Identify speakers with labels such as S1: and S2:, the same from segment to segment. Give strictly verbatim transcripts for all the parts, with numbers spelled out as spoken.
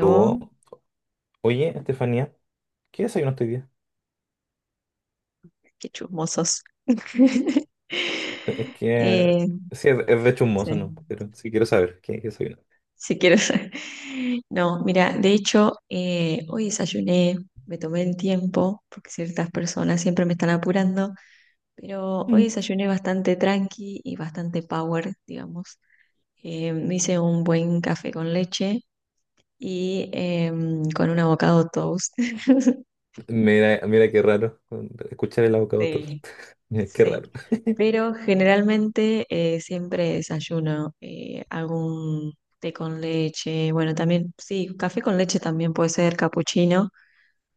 S1: Luego. Oye, Estefanía, ¿qué desayunaste hoy día?
S2: qué chismosos.
S1: Es que,
S2: Eh,
S1: sí, es, es de hecho un mozo,
S2: sí,
S1: ¿no? Pero sí quiero saber, ¿qué, qué desayunaste?
S2: si quieres. No, mira, de hecho, eh, hoy desayuné, me tomé el tiempo, porque ciertas personas siempre me están apurando, pero hoy
S1: Mm.
S2: desayuné bastante tranqui y bastante power, digamos. Eh, me hice un buen café con leche y em, con un avocado toast.
S1: Mira, mira qué raro con- escuchar el abocado tos.
S2: Sí,
S1: Mira, qué
S2: sí,
S1: raro.
S2: pero generalmente eh, siempre desayuno eh, algún té con leche, bueno, también, sí, café con leche también puede ser capuchino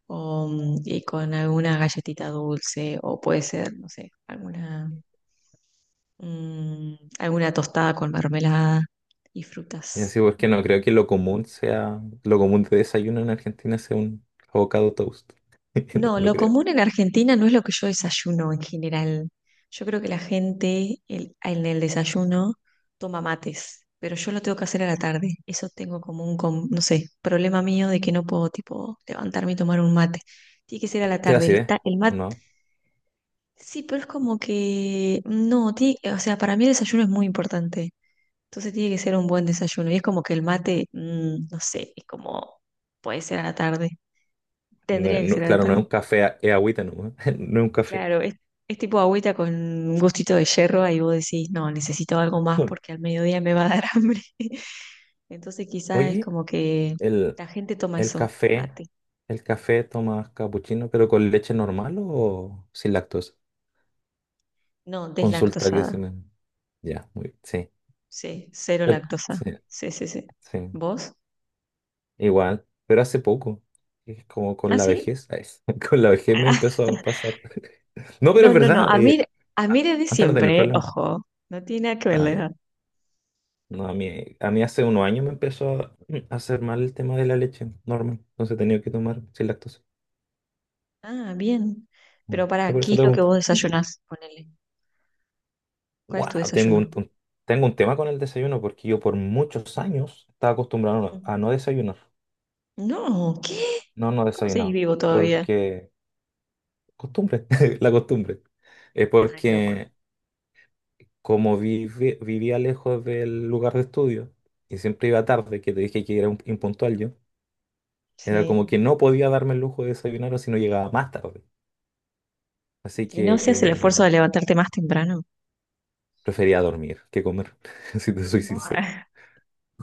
S2: o, mm, y con alguna galletita dulce o puede ser, no sé, alguna, mm, alguna tostada con mermelada y
S1: Y
S2: frutas.
S1: así, porque no creo que lo común sea, lo común de desayuno en Argentina sea un avocado toast. No,
S2: No,
S1: no
S2: lo
S1: creo.
S2: común en Argentina no es lo que yo desayuno en general. Yo creo que la gente el- en el desayuno toma mates, pero yo lo tengo que hacer a la tarde. Eso tengo como un, com- no sé, problema mío de que no puedo, tipo, levantarme y tomar un mate. Tiene que ser a la
S1: ¿Te da
S2: tarde. El,
S1: acidez?
S2: ta- el
S1: ¿O
S2: mate,
S1: no?
S2: sí, pero es como que, no, tiene- o sea, para mí el desayuno es muy importante. Entonces tiene que ser un buen desayuno. Y es como que el mate, mm, no sé, es como, puede ser a la tarde.
S1: No,
S2: Tendría que
S1: no,
S2: ser a la
S1: claro, no es
S2: tarde.
S1: un café, a- es agüita, ¿no? No es un café.
S2: Claro, es, es tipo agüita con un gustito de hierro, ahí vos decís, no, necesito algo más porque al mediodía me va a dar hambre. Entonces quizás es
S1: Oye,
S2: como que
S1: el
S2: la gente toma
S1: el
S2: eso,
S1: café,
S2: mate.
S1: el café tomas capuchino, pero con leche normal o sin lactosa.
S2: No,
S1: Consulta que se
S2: deslactosada.
S1: me. Ya, muy bien. Sí.
S2: Sí, cero
S1: Eh,
S2: lactosa.
S1: sí,
S2: Sí, sí, sí.
S1: sí.
S2: ¿Vos?
S1: Igual, pero hace poco. Es como con
S2: ¿Ah,
S1: la
S2: sí?
S1: vejez, ay. Con la vejez me
S2: Ah,
S1: empezó a pasar. No, pero
S2: No,
S1: es
S2: no, no.
S1: verdad.
S2: A mí,
S1: Eh,
S2: a mí desde
S1: antes no tenía el
S2: siempre, ¿eh?
S1: problema.
S2: Ojo, no tiene nada que ver
S1: Ah,
S2: la
S1: ya.
S2: edad.
S1: No, a mí, a mí hace unos años me empezó a mm, a hacer mal el tema de la leche normal. Entonces tenía que tomar sin lactosa.
S2: Ah, bien.
S1: Mm.
S2: Pero ¿para
S1: Por eso
S2: qué
S1: te
S2: es lo que
S1: pregunto.
S2: vos desayunás? Ponele. ¿Cuál es tu
S1: Wow, tengo
S2: desayuno?
S1: un, un- tengo un tema con el desayuno porque yo por muchos años estaba acostumbrado a no a
S2: Mm.
S1: no desayunar.
S2: No, ¿qué?
S1: No, no
S2: ¿Cómo seguís
S1: desayunaba.
S2: vivo todavía?
S1: Porque costumbre, la costumbre. Eh,
S2: Estás loco.
S1: porque como vivi- vivía lejos del lugar de estudio y siempre iba tarde, que te dije que era un- impuntual yo, era
S2: Sí.
S1: como que no podía darme el lujo de desayunar o si no llegaba más tarde. Así
S2: ¿Y no hacías el esfuerzo
S1: que
S2: de levantarte más temprano?
S1: prefería dormir que comer, si te soy
S2: Buah.
S1: sincero.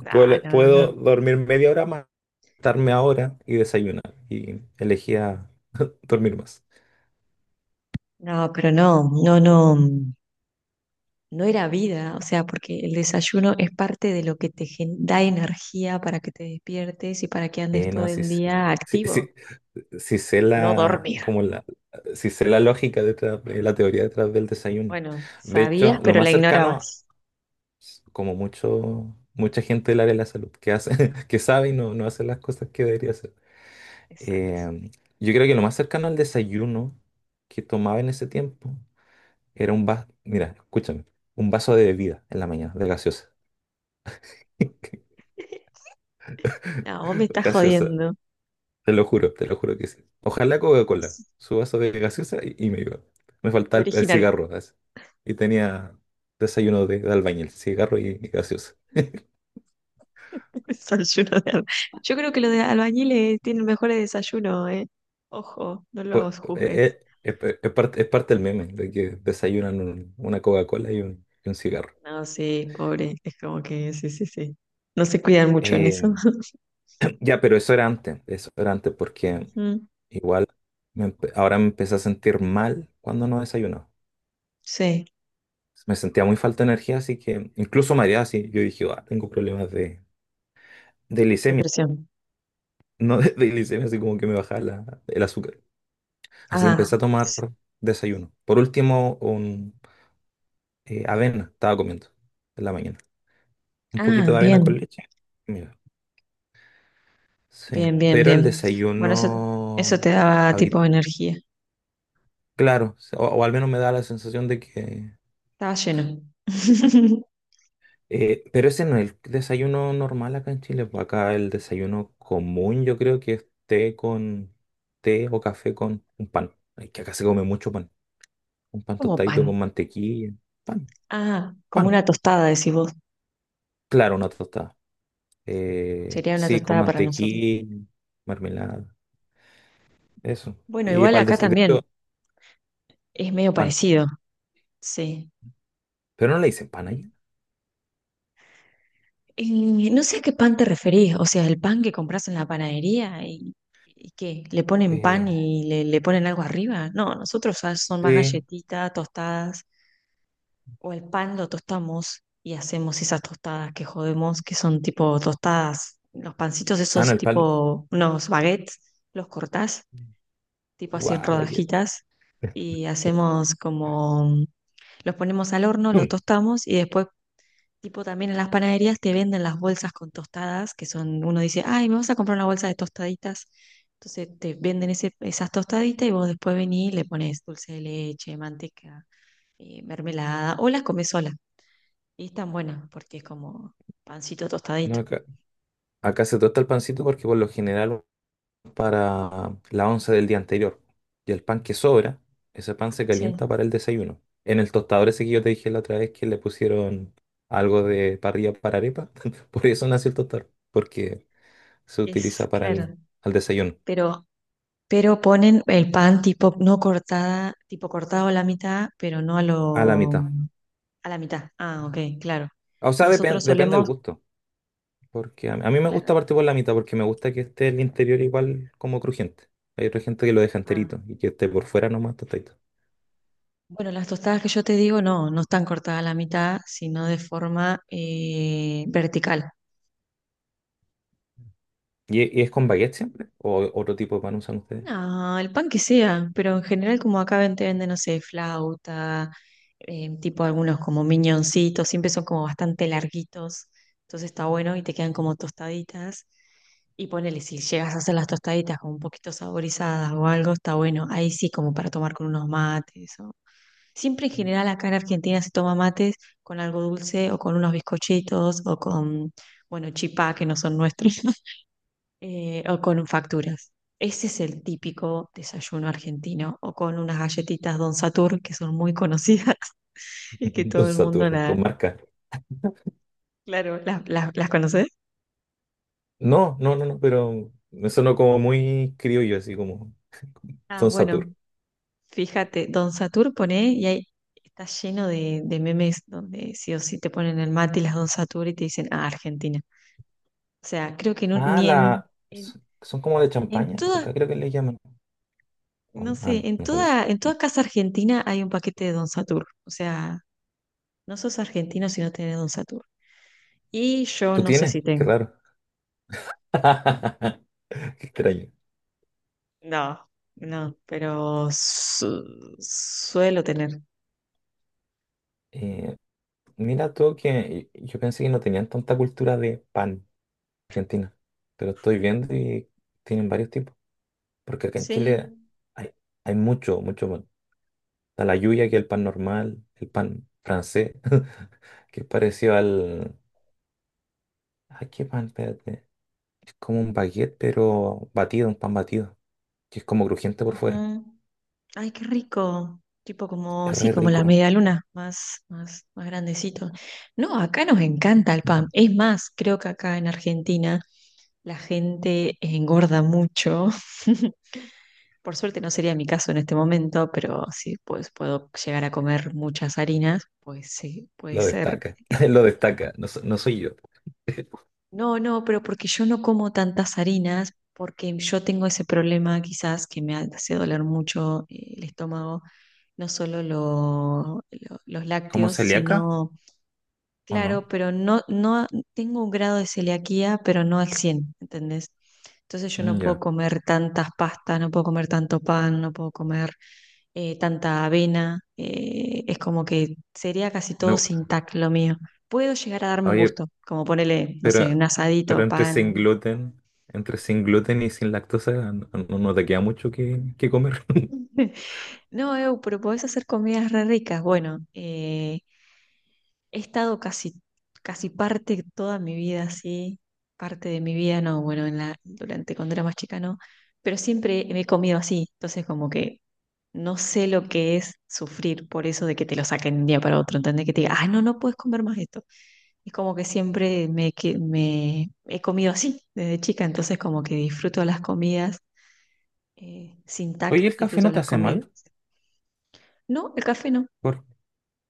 S2: No,
S1: Puedo,
S2: no, no.
S1: puedo dormir media hora más, acostarme ahora y desayunar. Y elegía dormir más.
S2: No, pero no, no, no. No era vida, o sea, porque el desayuno es parte de lo que te gen- da energía para que te despiertes y para que andes
S1: Eh,
S2: todo
S1: no, sí,
S2: el
S1: sí,
S2: día
S1: sí,
S2: activo,
S1: sí- sí sé
S2: no
S1: la,
S2: dormir.
S1: como la, sí sé la lógica detrás, de la teoría detrás del desayuno.
S2: Bueno,
S1: De
S2: sabías,
S1: hecho, lo
S2: pero
S1: más
S2: la
S1: cercano,
S2: ignorabas.
S1: como mucho, mucha gente del área de la salud, que hace, que sabe y no, no hace las cosas que debería hacer.
S2: Exacto.
S1: Eh, yo creo que lo más cercano al desayuno que tomaba en ese tiempo era un vaso, mira, escúchame, un vaso de bebida en la mañana, de gaseosa.
S2: No, vos me estás
S1: Gaseosa.
S2: jodiendo.
S1: Te lo juro, te lo juro que sí. Ojalá Coca-Cola,
S2: Es
S1: su vaso de gaseosa y, y me iba. Me faltaba el, el
S2: original.
S1: cigarro, así. Y tenía desayuno de, de albañil, cigarro y, y gaseosa.
S2: Desayuno de albañil. Yo creo que los de albañiles tienen mejores desayunos, ¿eh? Ojo, no
S1: Pues,
S2: los juzgues.
S1: eh, eh, es, es parte, es parte del meme, de que desayunan un- una Coca-Cola y un, y un cigarro.
S2: No, sí, pobre. Es como que sí, sí, sí. No se cuidan mucho en eso.
S1: Eh, ya, pero eso era antes, eso era antes porque
S2: Ujú.
S1: igual me empe- ahora me empecé a sentir mal cuando no desayunaba.
S2: Sí,
S1: Me sentía muy falta de energía, así que incluso mareado, así yo dije: "Ah, tengo problemas de, de
S2: depresión.
S1: no de, de glicemia", así como que me bajaba la- el azúcar. Así que
S2: Ah,
S1: empecé a tomar
S2: s-
S1: desayuno. Por último, un, eh, avena estaba comiendo en la mañana. Un
S2: ah,
S1: poquito de avena con
S2: bien,
S1: leche. Mira, sí.
S2: bien, bien,
S1: Pero el
S2: bien. Bueno, eso,
S1: desayuno,
S2: eso te daba
S1: habi-
S2: tipo energía.
S1: claro, o, o al menos me da la sensación de que…
S2: Estaba lleno.
S1: eh, pero ese no es el desayuno normal acá en Chile, pues. Acá el desayuno común yo creo que es té con té o café con un pan. Es que acá se come mucho pan. Un pan
S2: Como pan.
S1: tostadito con mantequilla. Pan.
S2: Ah, como
S1: Pan,
S2: una tostada, decís vos.
S1: claro, una tostada. Eh,
S2: Sería una
S1: sí, con
S2: tostada para nosotros.
S1: mantequilla, mermelada, eso.
S2: Bueno,
S1: Y
S2: igual
S1: pal de,
S2: acá
S1: y de
S2: también
S1: hecho,
S2: es medio
S1: pan.
S2: parecido. Sí.
S1: Pero no le dicen pan allá.
S2: Y no sé a qué pan te referís, o sea, el pan que compras en la panadería y, y qué, le ponen pan
S1: Eh,
S2: y le, le ponen algo arriba. No, nosotros ya son más
S1: sí.
S2: galletitas, tostadas, o el pan lo tostamos y hacemos esas tostadas que jodemos, que son tipo tostadas, los pancitos
S1: Ah, no,
S2: esos
S1: el pan.
S2: tipo, unos baguettes, los cortás, tipo así en
S1: Guau, baguette.
S2: rodajitas, y hacemos como, los ponemos al horno, los
S1: Mm.
S2: tostamos y después tipo, también en las panaderías te venden las bolsas con tostadas, que son, uno dice, ay, me vas a comprar una bolsa de tostaditas. Entonces te venden ese- esas tostaditas y vos después venís y le pones dulce de leche, manteca, eh, mermelada, o las comes sola. Y están buenas porque es como pancito
S1: No,
S2: tostadito.
S1: acá, acá se tosta el pancito porque por lo general para la once del día anterior. Y el pan que sobra, ese pan se calienta
S2: Sí,
S1: para el desayuno. En el tostador ese que yo te dije la otra vez que le pusieron algo de parrilla para arepa, por eso nació el tostador. Porque se
S2: es
S1: utiliza para el,
S2: claro.
S1: al desayuno,
S2: Pero, pero ponen el pan tipo no cortada, tipo cortado a la mitad, pero no a
S1: a la
S2: lo,
S1: mitad.
S2: a la mitad. Ah, ok, claro.
S1: O sea, depen-
S2: Nosotros
S1: depende del
S2: solemos,
S1: gusto, porque a, a mí me gusta
S2: claro.
S1: partir por la mitad porque me gusta que esté el interior igual como crujiente. Hay otra gente que lo deja
S2: Ah.
S1: enterito y que esté por fuera nomás tostadito.
S2: Bueno, las tostadas que yo te digo no, no están cortadas a la mitad, sino de forma eh, vertical.
S1: ¿Y, e- y es con baguette siempre? ¿O otro tipo de pan usan ustedes?
S2: No, el pan que sea, pero en general como acá ven- te venden, no sé, flauta, eh, tipo algunos como miñoncitos, siempre son como bastante larguitos, entonces está bueno y te quedan como tostaditas. Y ponele, si llegas a hacer las tostaditas como un poquito saborizadas o algo, está bueno. Ahí sí, como para tomar con unos mates. Siempre en general acá en Argentina se toma mates con algo dulce o con unos bizcochitos o con, bueno, chipá, que no son nuestros, eh, o con facturas. Ese es el típico desayuno argentino o con unas galletitas Don Satur que son muy conocidas y que
S1: Don
S2: todo el mundo
S1: Saturra, con
S2: la,
S1: marca.
S2: claro, las las- las conoce.
S1: No, no, no, no, pero me sonó como muy criollo, así como
S2: Ah,
S1: Don Satur.
S2: bueno, fíjate, Don Satur pone y ahí está lleno de, de memes donde sí o sí te ponen el mate y las Don Satur y te dicen, ah, Argentina. O sea, creo que no-
S1: Ah,
S2: ni en
S1: la…
S2: en-
S1: s- Son como de
S2: en
S1: champaña,
S2: todo,
S1: acá creo que le llaman. O-
S2: no
S1: Ah,
S2: sé,
S1: no,
S2: en
S1: no son esas.
S2: toda, en toda casa argentina hay un paquete de Don Satur. O sea, no sos argentino si no tenés Don Satur. Y yo
S1: ¿Tú
S2: no sé si
S1: tienes? Qué
S2: tengo.
S1: raro. Qué extraño.
S2: No, no, pero su- suelo tener.
S1: Eh, Mira tú que yo pensé que no tenían tanta cultura de pan argentina, pero estoy viendo y tienen varios tipos, porque acá en
S2: Sí.
S1: Chile hay, hay mucho, mucho pan. Está la lluvia, que es el pan normal, el pan francés, que es parecido al… ¿a qué pan? Espérate. Es como un baguette, pero batido, un pan batido, que es como crujiente por fuera.
S2: Ujú. Ay, qué rico. Tipo como,
S1: Es
S2: sí,
S1: re
S2: como la
S1: rico.
S2: media luna, más, más, más grandecito. No, acá nos encanta el pan.
S1: Mm.
S2: Es más, creo que acá en Argentina la gente engorda mucho. Por suerte no sería mi caso en este momento, pero sí, pues puedo llegar a comer muchas harinas, pues sí, puede
S1: Lo
S2: ser.
S1: destaca, lo destaca, no, so- no soy yo.
S2: No, no, pero porque yo no como tantas harinas, porque yo tengo ese problema quizás que me hace doler mucho eh, el estómago, no solo lo- lo- los
S1: ¿Como
S2: lácteos,
S1: celíaca
S2: sino,
S1: o no?
S2: claro, pero no, no, tengo un grado de celiaquía, pero no al cien, ¿entendés? Entonces yo no
S1: Mm,
S2: puedo
S1: ya.
S2: comer tantas pastas, no puedo comer tanto pan, no puedo comer eh, tanta avena, eh, es como que sería casi todo
S1: No,
S2: sin tac lo mío. Puedo llegar a darme un
S1: oye,
S2: gusto, como ponerle, no sé,
S1: pero,
S2: un
S1: pero
S2: asadito,
S1: entre sin
S2: pan.
S1: gluten, entre sin gluten y sin lactosa, no, no te queda mucho que, que comer.
S2: No, Eu, pero podés hacer comidas re ricas. Bueno, eh, he estado casi, casi parte toda mi vida así, parte de mi vida, no, bueno, en la, durante cuando era más chica no, pero siempre me he comido así, entonces como que no sé lo que es sufrir por eso de que te lo saquen de un día para otro, ¿entendés? Que te diga, ah, no, no puedes comer más esto. Es como que siempre me, que- me he comido así desde chica, entonces como que disfruto las comidas eh, sin tac,
S1: Oye, ¿el café
S2: disfruto
S1: no te
S2: las
S1: hace
S2: comidas.
S1: mal?
S2: No, el café no.
S1: Por-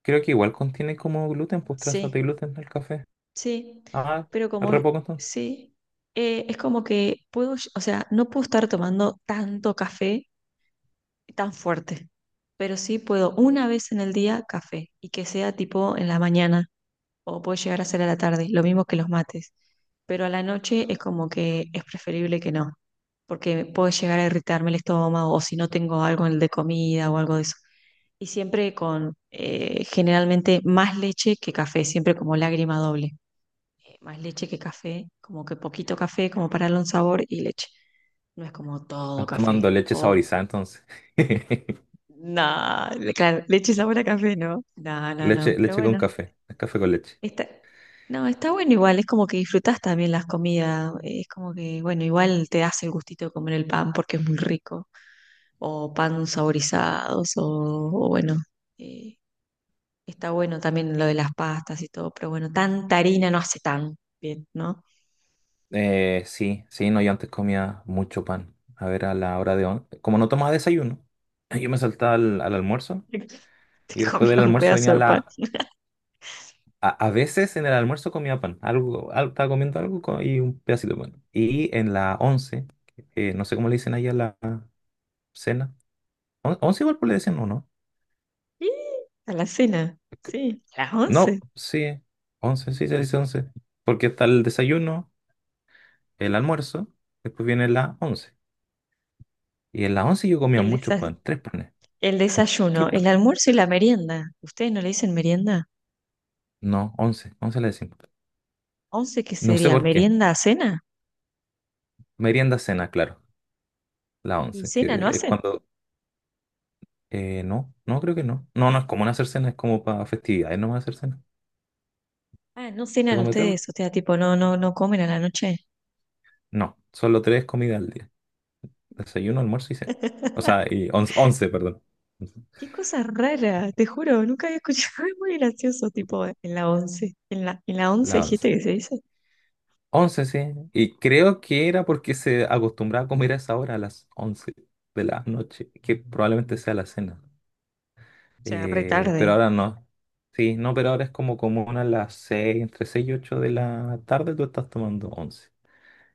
S1: Creo que igual contiene como gluten, pues trazas de
S2: Sí,
S1: gluten el café.
S2: sí,
S1: Ah,
S2: pero como
S1: re poco entonces.
S2: sí, eh, es como que puedo, ll- o sea, no puedo estar tomando tanto café tan fuerte, pero sí puedo una vez en el día café y que sea tipo en la mañana o puede llegar a ser a la tarde, lo mismo que los mates, pero a la noche es como que es preferible que no. Porque puede llegar a irritarme el estómago o si no tengo algo en el de comida o algo de eso. Y siempre con eh, generalmente más leche que café, siempre como lágrima doble. Eh, más leche que café, como que poquito café, como para darle un sabor y leche. No es como todo
S1: Estás
S2: café.
S1: tomando leche
S2: O
S1: saborizada entonces.
S2: nada, claro, leche sabor a café, ¿no? No, no, no.
S1: Leche,
S2: Pero
S1: leche con
S2: bueno,
S1: café, es café con leche.
S2: está, no, está bueno igual, es como que disfrutás también las comidas. eh, Es como que, bueno, igual te das el gustito de comer el pan porque es muy rico o pan saborizados, o, o bueno, eh, está bueno también lo de las pastas y todo, pero bueno, tanta harina no hace tan bien, ¿no?
S1: Eh, sí, sí, no, yo antes comía mucho pan. A ver, a la hora de… on- Como no tomaba desayuno, yo me saltaba al, al almuerzo y
S2: Te
S1: después
S2: comía
S1: del
S2: un
S1: almuerzo
S2: pedazo
S1: venía
S2: de pan.
S1: la… A, a veces en el almuerzo comía pan, algo, al- estaba comiendo algo co- y un pedacito de pan. Y en la once, eh, no sé cómo le dicen ahí a la cena. On- once igual pues le decían, ¿o no?
S2: Y a la cena, sí, a las
S1: No,
S2: once.
S1: sí, once, sí se dice once. Porque está el desayuno, el almuerzo, después viene la once. Y en la once yo comía
S2: El
S1: mucho
S2: desa-
S1: pan, tres panes,
S2: el desayuno,
S1: tres
S2: el
S1: panes.
S2: almuerzo y la merienda. ¿Ustedes no le dicen merienda?
S1: No, once, once le decimos.
S2: ¿Once qué
S1: No sé
S2: sería?
S1: por qué.
S2: ¿Merienda a cena?
S1: Merienda cena, claro, la
S2: ¿Y
S1: once, que
S2: cena no
S1: es
S2: hacen?
S1: cuando… Eh, no, no creo que no. No, no es común hacer cena, es como para festividades nomás hacer cena.
S2: Ah, no
S1: ¿Se
S2: cenan
S1: come tres?
S2: ustedes, o sea, tipo, no, no, no comen a la noche.
S1: No, solo tres comidas al día. Desayuno, almuerzo y cena. O sea, y once, once, perdón. Once.
S2: Qué cosa rara, te juro, nunca había escuchado, es muy gracioso, tipo en la once, en la, en la once
S1: La
S2: dijiste
S1: once.
S2: que se dice, o
S1: Once, sí. Y creo que era porque se acostumbraba a comer a esa hora, a las once de la noche, que probablemente sea la cena.
S2: sea, re
S1: Eh, pero
S2: tarde,
S1: ahora no. Sí, no, pero ahora es como común a las seis, entre seis y ocho de la tarde tú estás tomando once.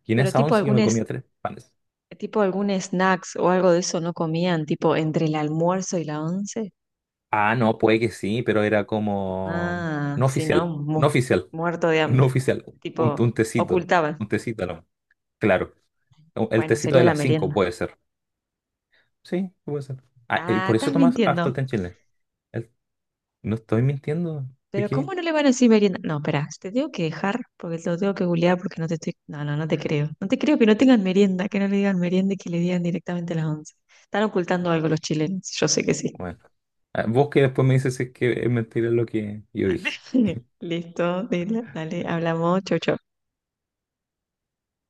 S1: Y en
S2: pero
S1: esa
S2: tipo
S1: once yo
S2: algún,
S1: me comía
S2: es-
S1: tres panes.
S2: tipo algún snacks o algo de eso no comían, tipo entre el almuerzo y la once,
S1: Ah, no, puede que sí, pero era como
S2: ah,
S1: no
S2: si no,
S1: oficial, no
S2: mu-
S1: oficial,
S2: muerto de
S1: no
S2: hambre,
S1: oficial. Un,
S2: tipo
S1: un tecito,
S2: ocultaban,
S1: un tecito, no, claro. No, el
S2: bueno,
S1: tecito
S2: sería
S1: de
S2: la
S1: las cinco
S2: merienda,
S1: puede ser. Sí, puede ser. Ah, y
S2: ah,
S1: por eso
S2: estás
S1: tomas harto
S2: mintiendo.
S1: té en Chile. El- no estoy mintiendo. ¿De
S2: Pero
S1: qué?
S2: ¿cómo no le van a decir merienda? No, espera, te tengo que dejar porque te lo tengo que googlear porque no te estoy... No, no, no te creo. No te creo que no tengan merienda, que no le digan merienda y que le digan directamente a las once. Están ocultando algo los chilenos, yo sé que sí.
S1: Bueno, ah, vos que después me dices si es que es mentira lo que yo dije.
S2: Listo, dile, dale, hablamos, chau, chau.